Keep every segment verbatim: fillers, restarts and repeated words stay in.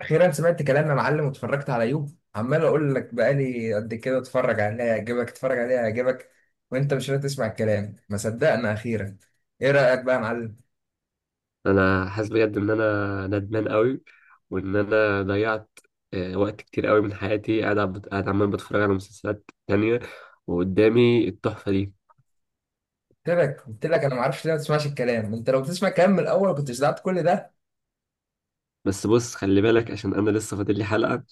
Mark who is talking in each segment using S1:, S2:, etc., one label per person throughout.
S1: اخيرا سمعت كلام يا معلم واتفرجت على يوب. عمال اقول لك بقالي قد كده اتفرج عليها يعجبك اتفرج عليها يعجبك، وانت مش راضي تسمع الكلام. ما صدقنا اخيرا. ايه رايك بقى يا معلم؟
S2: انا حاسس بجد ان انا ندمان قوي، وان انا ضيعت آه، وقت كتير قوي من حياتي. قاعد عب- قاعد عمال بتفرج على مسلسلات تانية، وقدامي التحفة دي.
S1: قلت لك قلت لك انا ما اعرفش ليه ما تسمعش الكلام. انت لو بتسمع الكلام من الاول ما كنتش دعت كل ده.
S2: بس بص، خلي بالك عشان انا لسه فاضل لي حلقة،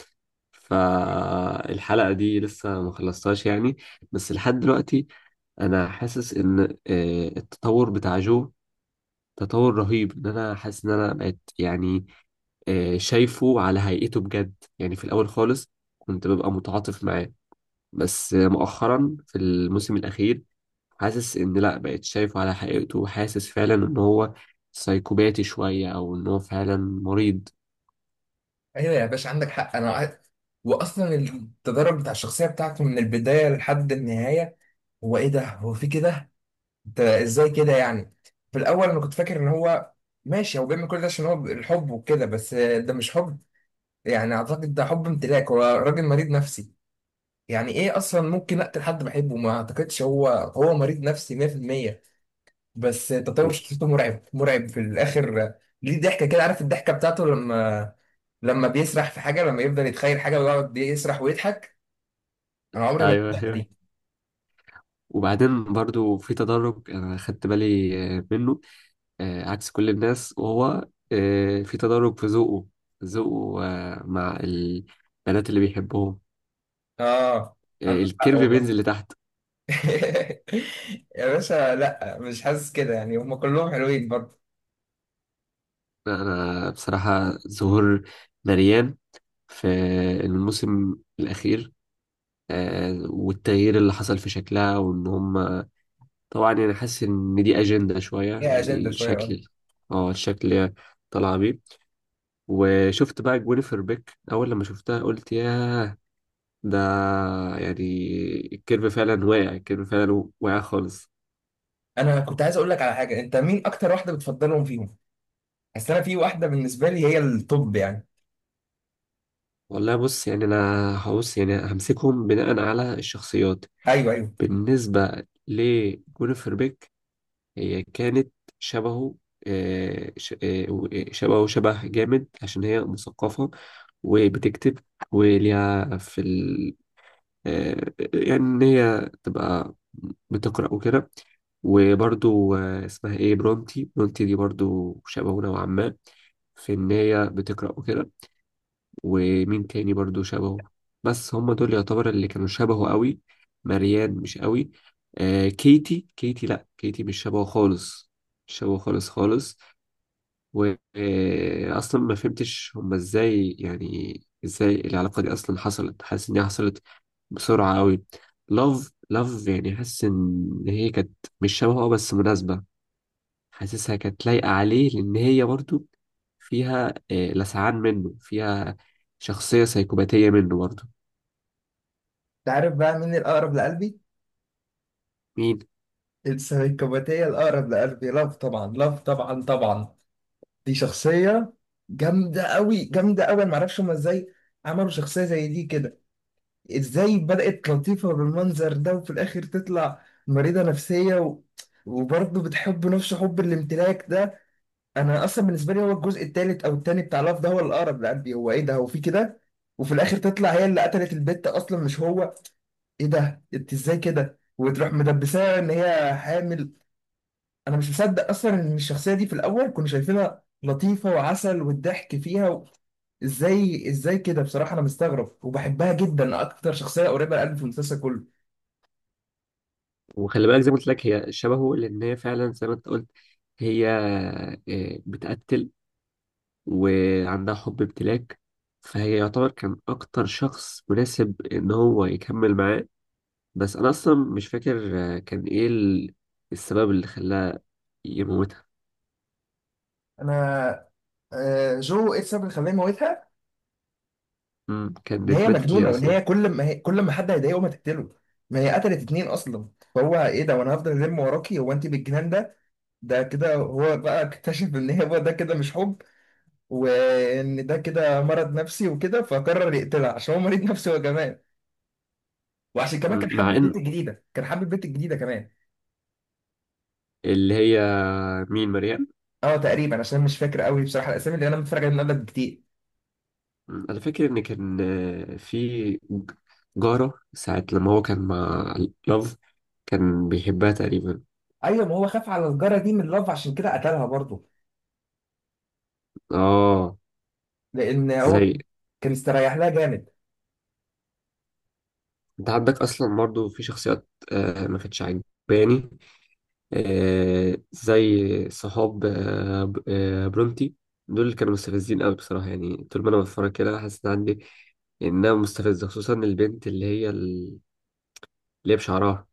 S2: فالحلقة دي لسه ما خلصتهاش يعني. بس لحد دلوقتي انا حاسس ان آه، التطور بتاع جو تطور رهيب، ان انا حاسس ان انا بقيت يعني آه، شايفه على هيئته بجد. يعني في الاول خالص كنت ببقى متعاطف معاه، بس مؤخرا في الموسم الأخير حاسس إن لأ، بقيت شايفه على حقيقته، وحاسس فعلا إن هو سايكوباتي شوية، أو إن هو فعلا مريض.
S1: ايوه يا باشا، عندك حق. انا قاعد- واصلا التدرج بتاع الشخصيه بتاعته من البدايه لحد النهايه، هو ايه ده؟ هو في كده؟ انت ازاي كده يعني؟ في الاول انا كنت فاكر ان هو ماشي، هو بيعمل كل ده عشان هو الحب وكده، بس ده مش حب. يعني اعتقد ده حب امتلاك، هو راجل مريض نفسي. يعني ايه اصلا ممكن اقتل حد بحبه؟ ما اعتقدش. هو هو مريض نفسي مية في المية. بس تطور
S2: و-
S1: شخصيته مرعب مرعب في الاخر. ليه ضحكه كده؟ عارف الضحكه بتاعته، لما لما بيسرح في حاجه، لما يفضل يتخيل حاجه ويقعد يسرح ويضحك، انا عمري ما
S2: أيوه،
S1: انساها
S2: أيوه.
S1: دي.
S2: وبعدين برضو في تدرج أنا خدت بالي آه، منه، آه، عكس كل الناس، وهو آه، في تدرج في ذوقه، ذوقه آه، مع البنات اللي بيحبهم.
S1: اه،
S2: آه،
S1: عندك حق
S2: الكيرف
S1: والله.
S2: بينزل لتحت.
S1: يا باشا لا، مش حاسس كده يعني، هم كلهم حلوين برضه.
S2: أنا بصراحة ظهور مريان في الموسم الأخير آه، والتغيير اللي حصل في شكلها، وان هم طبعا يعني حاسس ان دي اجندة شوية.
S1: ليها اجنده شويه برضه.
S2: الشكل اه الشكل اللي هي طالعة بيه. وشفت بقى جوينيفر بيك، اول لما شفتها قلت ياه. ده يعني الكيرف فعلا واقع، الكيرف فعلا واقع خالص.
S1: انا كنت عايز اقول لك على حاجه، انت مين اكتر واحده بتفضلهم فيهم؟ بس انا في واحده بالنسبه لي هي الطب يعني.
S2: والله بص، يعني انا هبص يعني همسكهم بناء على الشخصيات.
S1: ايوه، ايوه.
S2: بالنسبة لجوينيفر بيك، هي كانت شبهه آه، ش- آه، و- آه، شبهه شبه جامد عشان هي مثقفة وبتكتب، وليها في ال... آه، يعني إن هي تبقى بتقرأ وكده. وبرضو آه، اسمها إيه، برونتي. برونتي دي برضو شبهه نوعا ما في إن هي بتقرأ وكده. ومين تاني برضو شبهه؟ بس هم دول يعتبر اللي كانوا شبهه قوي. مريان مش قوي. آه كيتي، كيتي، لا، كيتي مش شبهه خالص، مش شبهه خالص خالص. واصلا ما فهمتش هم ازاي، يعني ازاي العلاقة دي اصلا حصلت. حاسس ان هي حصلت بسرعة قوي. لاف، لاف يعني حاسس ان هي كانت مش شبهه، آه، بس مناسبة. حاسسها كانت لايقة عليه لأن هي برضو فيها آه، لسعان منه، فيها شخصية سيكوباتية منه برضو.
S1: انت عارف بقى مين الاقرب لقلبي؟
S2: مين؟
S1: السايكوباتيه الاقرب لقلبي لاف، طبعا لاف، طبعا طبعا. دي شخصيه جامده قوي جامده قوي. انا معرفش هما ازاي عملوا شخصيه زي دي كده؟ ازاي بدات لطيفه بالمنظر ده وفي الاخر تطلع مريضه نفسيه، و... وبرضه بتحب نفس حب الامتلاك ده. انا اصلا بالنسبه لي هو الجزء الثالث او الثاني بتاع لاف ده هو الاقرب لقلبي. هو ايه ده؟ هو في كده؟ وفي الاخر تطلع هي اللي قتلت البت اصلا مش هو! ايه ده؟ انت ازاي كده؟ وتروح مدبساها ان هي حامل. انا مش مصدق اصلا ان الشخصيه دي في الاول كنا شايفينها لطيفه وعسل والضحك فيها. و... ازاي ازاي كده بصراحه؟ انا مستغرب، وبحبها جدا، اكتر شخصيه قريبه لقلبي في المسلسل كله.
S2: وخلي بالك، زي ما قلت لك، هي شبهه لأن هي فعلا زي ما أنت قلت هي آه، بتقتل وعندها حب امتلاك. فهي يعتبر كان أكتر شخص مناسب إن هو يكمل معاه. بس أنا أصلا مش فاكر آه، كان إيه ال- السبب اللي خلاها يموتها.
S1: انا آه، جو ايه السبب اللي خلاني موتها؟
S2: مم،
S1: ان
S2: كانت
S1: هي
S2: ماتت
S1: مجنونه،
S2: ليه
S1: وان
S2: أصلا؟
S1: هي كل ما هي كل ما حد هيضايقه ما تقتله، ما هي قتلت اتنين اصلا. فهو ايه ده؟ وانا هفضل الم وراكي؟ هو انت بالجنان ده؟ ده كده هو بقى اكتشف ان هي هو ده كده مش حب، وان ده كده مرض نفسي وكده، فقرر يقتلها عشان هو مريض نفسي هو كمان. وعشان كمان
S2: مم،
S1: كان
S2: مع
S1: حابب
S2: إن
S1: البنت الجديده، كان حابب البنت الجديده كمان.
S2: اللي هي، مين، مريم؟
S1: اه تقريبا، عشان مش فاكر قوي بصراحه الاسامي، اللي انا متفرج عليها من قبل كتير.
S2: مم. انا فاكر ان كان آه، في ج- جارة ساعة لما هو كان مع لاف، كان بيحبها تقريبا.
S1: ايوه، ما هو خاف على الجاره دي من لاف عشان كده قتلها برضه،
S2: اه،
S1: لان هو
S2: زي
S1: كان استريح لها جامد.
S2: انت عندك اصلا برضه في شخصيات آه ما كانتش عجباني، آه زي صحاب آه ب- آه برونتي. دول اللي كانوا مستفزين قوي بصراحة، يعني طول ما انا بتفرج كده حاسس ان عندي انها مستفزة، خصوصا البنت اللي هي ال- اللي هي بشعرها.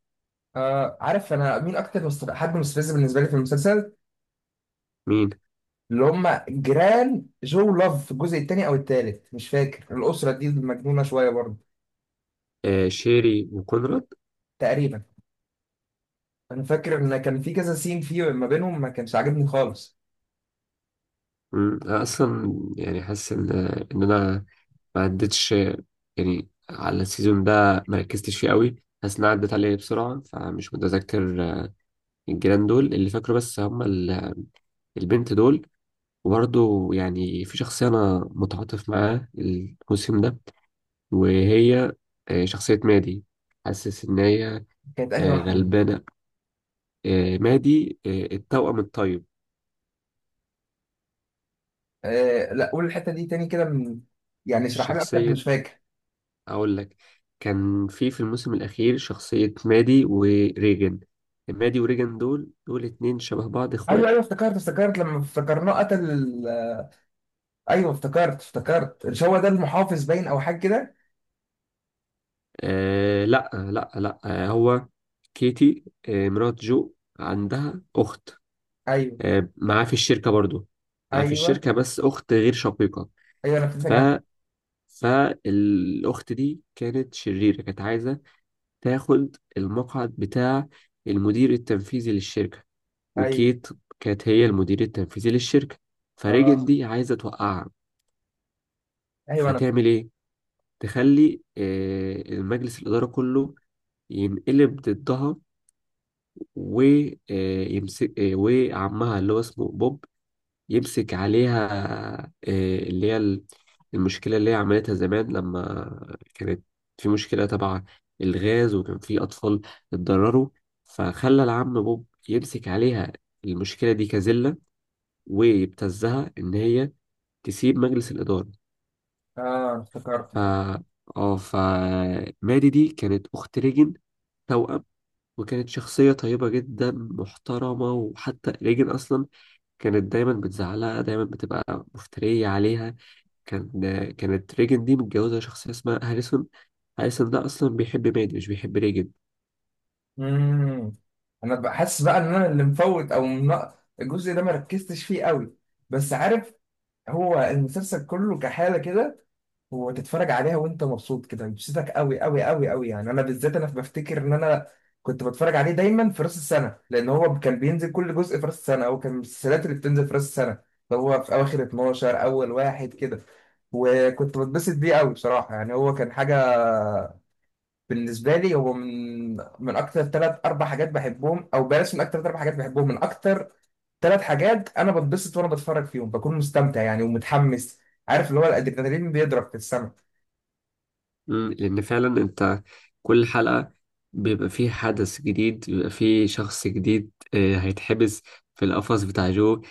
S1: آه، عارف انا مين اكتر مست- حد مستفز بالنسبه لي في المسلسل؟
S2: مين؟
S1: اللي هم جيران جو لاف في الجزء الثاني او الثالث مش فاكر، الاسره دي المجنونه شويه برضه.
S2: آه، شيري وكونراد.
S1: تقريبا. انا فاكر ان كان في كذا سين فيه ما بينهم ما كانش عاجبني خالص.
S2: مم. أنا أصلا يعني حاسس إن إن أنا ما عدتش، يعني على السيزون ده ما ركزتش فيه قوي. حاسس إن أنا عدت عليه بسرعة، فمش متذكر آه، الجيران دول. اللي فاكره بس هم ال- البنت دول. وبرضه يعني في شخصية أنا متعاطف معاها الموسم ده، وهي آه، شخصية مادي. حاسس إن هي
S1: كانت انهي
S2: آه،
S1: واحده دي؟
S2: غلبانة، آه، مادي، آه، التوأم الطيب.
S1: آه لا، قول الحته دي تاني كده، من... يعني اشرحها لي اكتر، مش
S2: شخصية،
S1: فاكر.
S2: اقول لك، كان في في الموسم الاخير شخصية مادي وريجن. مادي وريجن دول دول اتنين شبه بعض،
S1: ايوه،
S2: اخوات.
S1: ايوه، افتكرت افتكرت لما افتكرناه قتل. ايوه افتكرت افتكرت، مش هو ده المحافظ باين او حاجه كده؟
S2: آه، لا، لا، لا، آه هو كيتي، آه مرات جو، عندها اخت
S1: ايوه،
S2: آه معاه في الشركة برضو، معاه في
S1: ايوه،
S2: الشركة، بس اخت غير شقيقة.
S1: ايوه، انا كنت
S2: ف
S1: جامد.
S2: فالاخت دي كانت شريرة، كانت عايزة تاخد المقعد بتاع المدير التنفيذي للشركة.
S1: ايوه،
S2: وكيت كانت هي المدير التنفيذي للشركة.
S1: اه،
S2: فريجن دي عايزة توقعها.
S1: ايوه. انا
S2: فتعمل إيه؟ تخلي آه، المجلس الإدارة كله ينقلب ضدها، ويمسك. وعمها اللي هو اسمه بوب يمسك عليها آه، اللي هي ال- المشكلة اللي هي عملتها زمان لما كانت في مشكلة تبع الغاز وكان في أطفال اتضرروا. فخلى العم بوب يمسك عليها المشكلة دي كزلة، ويبتزها إن هي تسيب مجلس الإدارة.
S1: اه انا افتكرت
S2: ف
S1: افتكرت.
S2: اه ف مادي دي كانت أخت ريجن، توأم، وكانت شخصية طيبة جدا محترمة. وحتى ريجن أصلا كانت دايما بتزعلها، دايما بتبقى مفترية عليها. كان كانت ريجن دي متجوزة شخصية اسمها هاريسون. هاريسون ده أصلا بيحب مادي، مش بيحب ريجن.
S1: امم انا بقى حاسس بقى ان انا اللي مفوت، او من... الجزء ده ما ركزتش فيه قوي. بس عارف، هو المسلسل كله كحاله كده، وتتفرج عليها وانت مبسوط كده، بتبسطك قوي قوي قوي قوي يعني. انا بالذات انا بفتكر ان انا كنت بتفرج عليه دايما في راس السنه، لان هو كان بينزل كل جزء في راس السنه، او كان من المسلسلات اللي بتنزل في راس السنه، اللي هو في اواخر اثنا عشر اول واحد كده. وكنت بتبسط بيه قوي بصراحه، يعني هو كان حاجه. بالنسبه لي هو من من اكتر ثلاث اربع حاجات بحبهم، او بلاش، من اكتر ثلاث اربع حاجات بحبهم، من اكتر ثلاث حاجات انا بتبسط وانا بتفرج فيهم، بكون مستمتع يعني ومتحمس. عارف اللي هو الادرينالين بيضرب في السما.
S2: مم، لأن فعلا أنت، كل حلقة بيبقى فيه حدث جديد، بيبقى فيه شخص جديد آه، هيتحبس في القفص بتاع جو.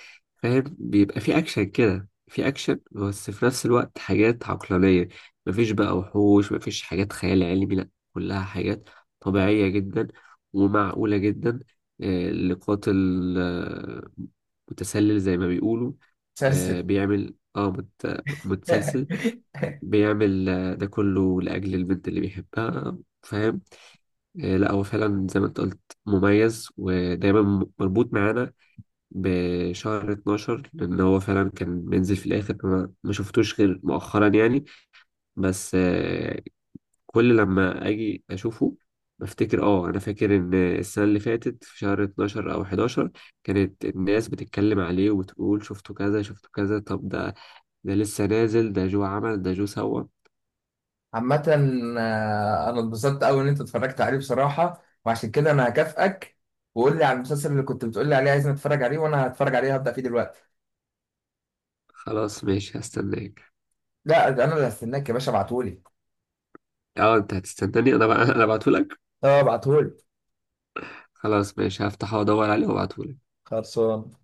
S2: فاهم؟ بيبقى فيه أكشن كده، فيه أكشن، بس في نفس الوقت حاجات عقلانية. مفيش بقى وحوش، مفيش حاجات خيال علمي، لأ كلها حاجات طبيعية جدا ومعقولة جدا. آه، لقاتل آه، متسلل زي ما بيقولوا. آه، بيعمل اه مت- متسلسل، بيعمل آه، ده كله لأجل البنت اللي بيحبها. فاهم؟ آه، لا هو فعلا زي ما انت قلت، مميز ودايما م- مربوط معانا بشهر اثنا عشر، لأن هو فعلا كان بينزل في الآخر. أنا ما شفتوش غير مؤخرا يعني، بس آه، كل لما أجي أشوفه بفتكر. اه انا فاكر ان السنه اللي فاتت في شهر اتناشر او حداشر كانت الناس بتتكلم عليه، وتقول شفتوا كذا، شفتوا كذا، طب ده ده لسه نازل، ده جو عمل، ده جو سوى.
S1: عامة، آه، أنا اتبسطت أوي إن أنت اتفرجت عليه بصراحة، وعشان كده أنا هكافئك. وقول لي على المسلسل اللي كنت بتقول لي عليه عايزني أتفرج عليه، وأنا هتفرج عليه، هبدأ فيه دلوقتي.
S2: خلاص ماشي، هستناك.
S1: لا، ده أنا اللي هستناك يا باشا، ابعتهولي.
S2: اه، انت هتستناني انا بقى؟ انا ابعتهولك.
S1: أه، ابعتهولي.
S2: خلاص ماشي، هفتحه وادور عليه وابعتهولك.
S1: خلصان.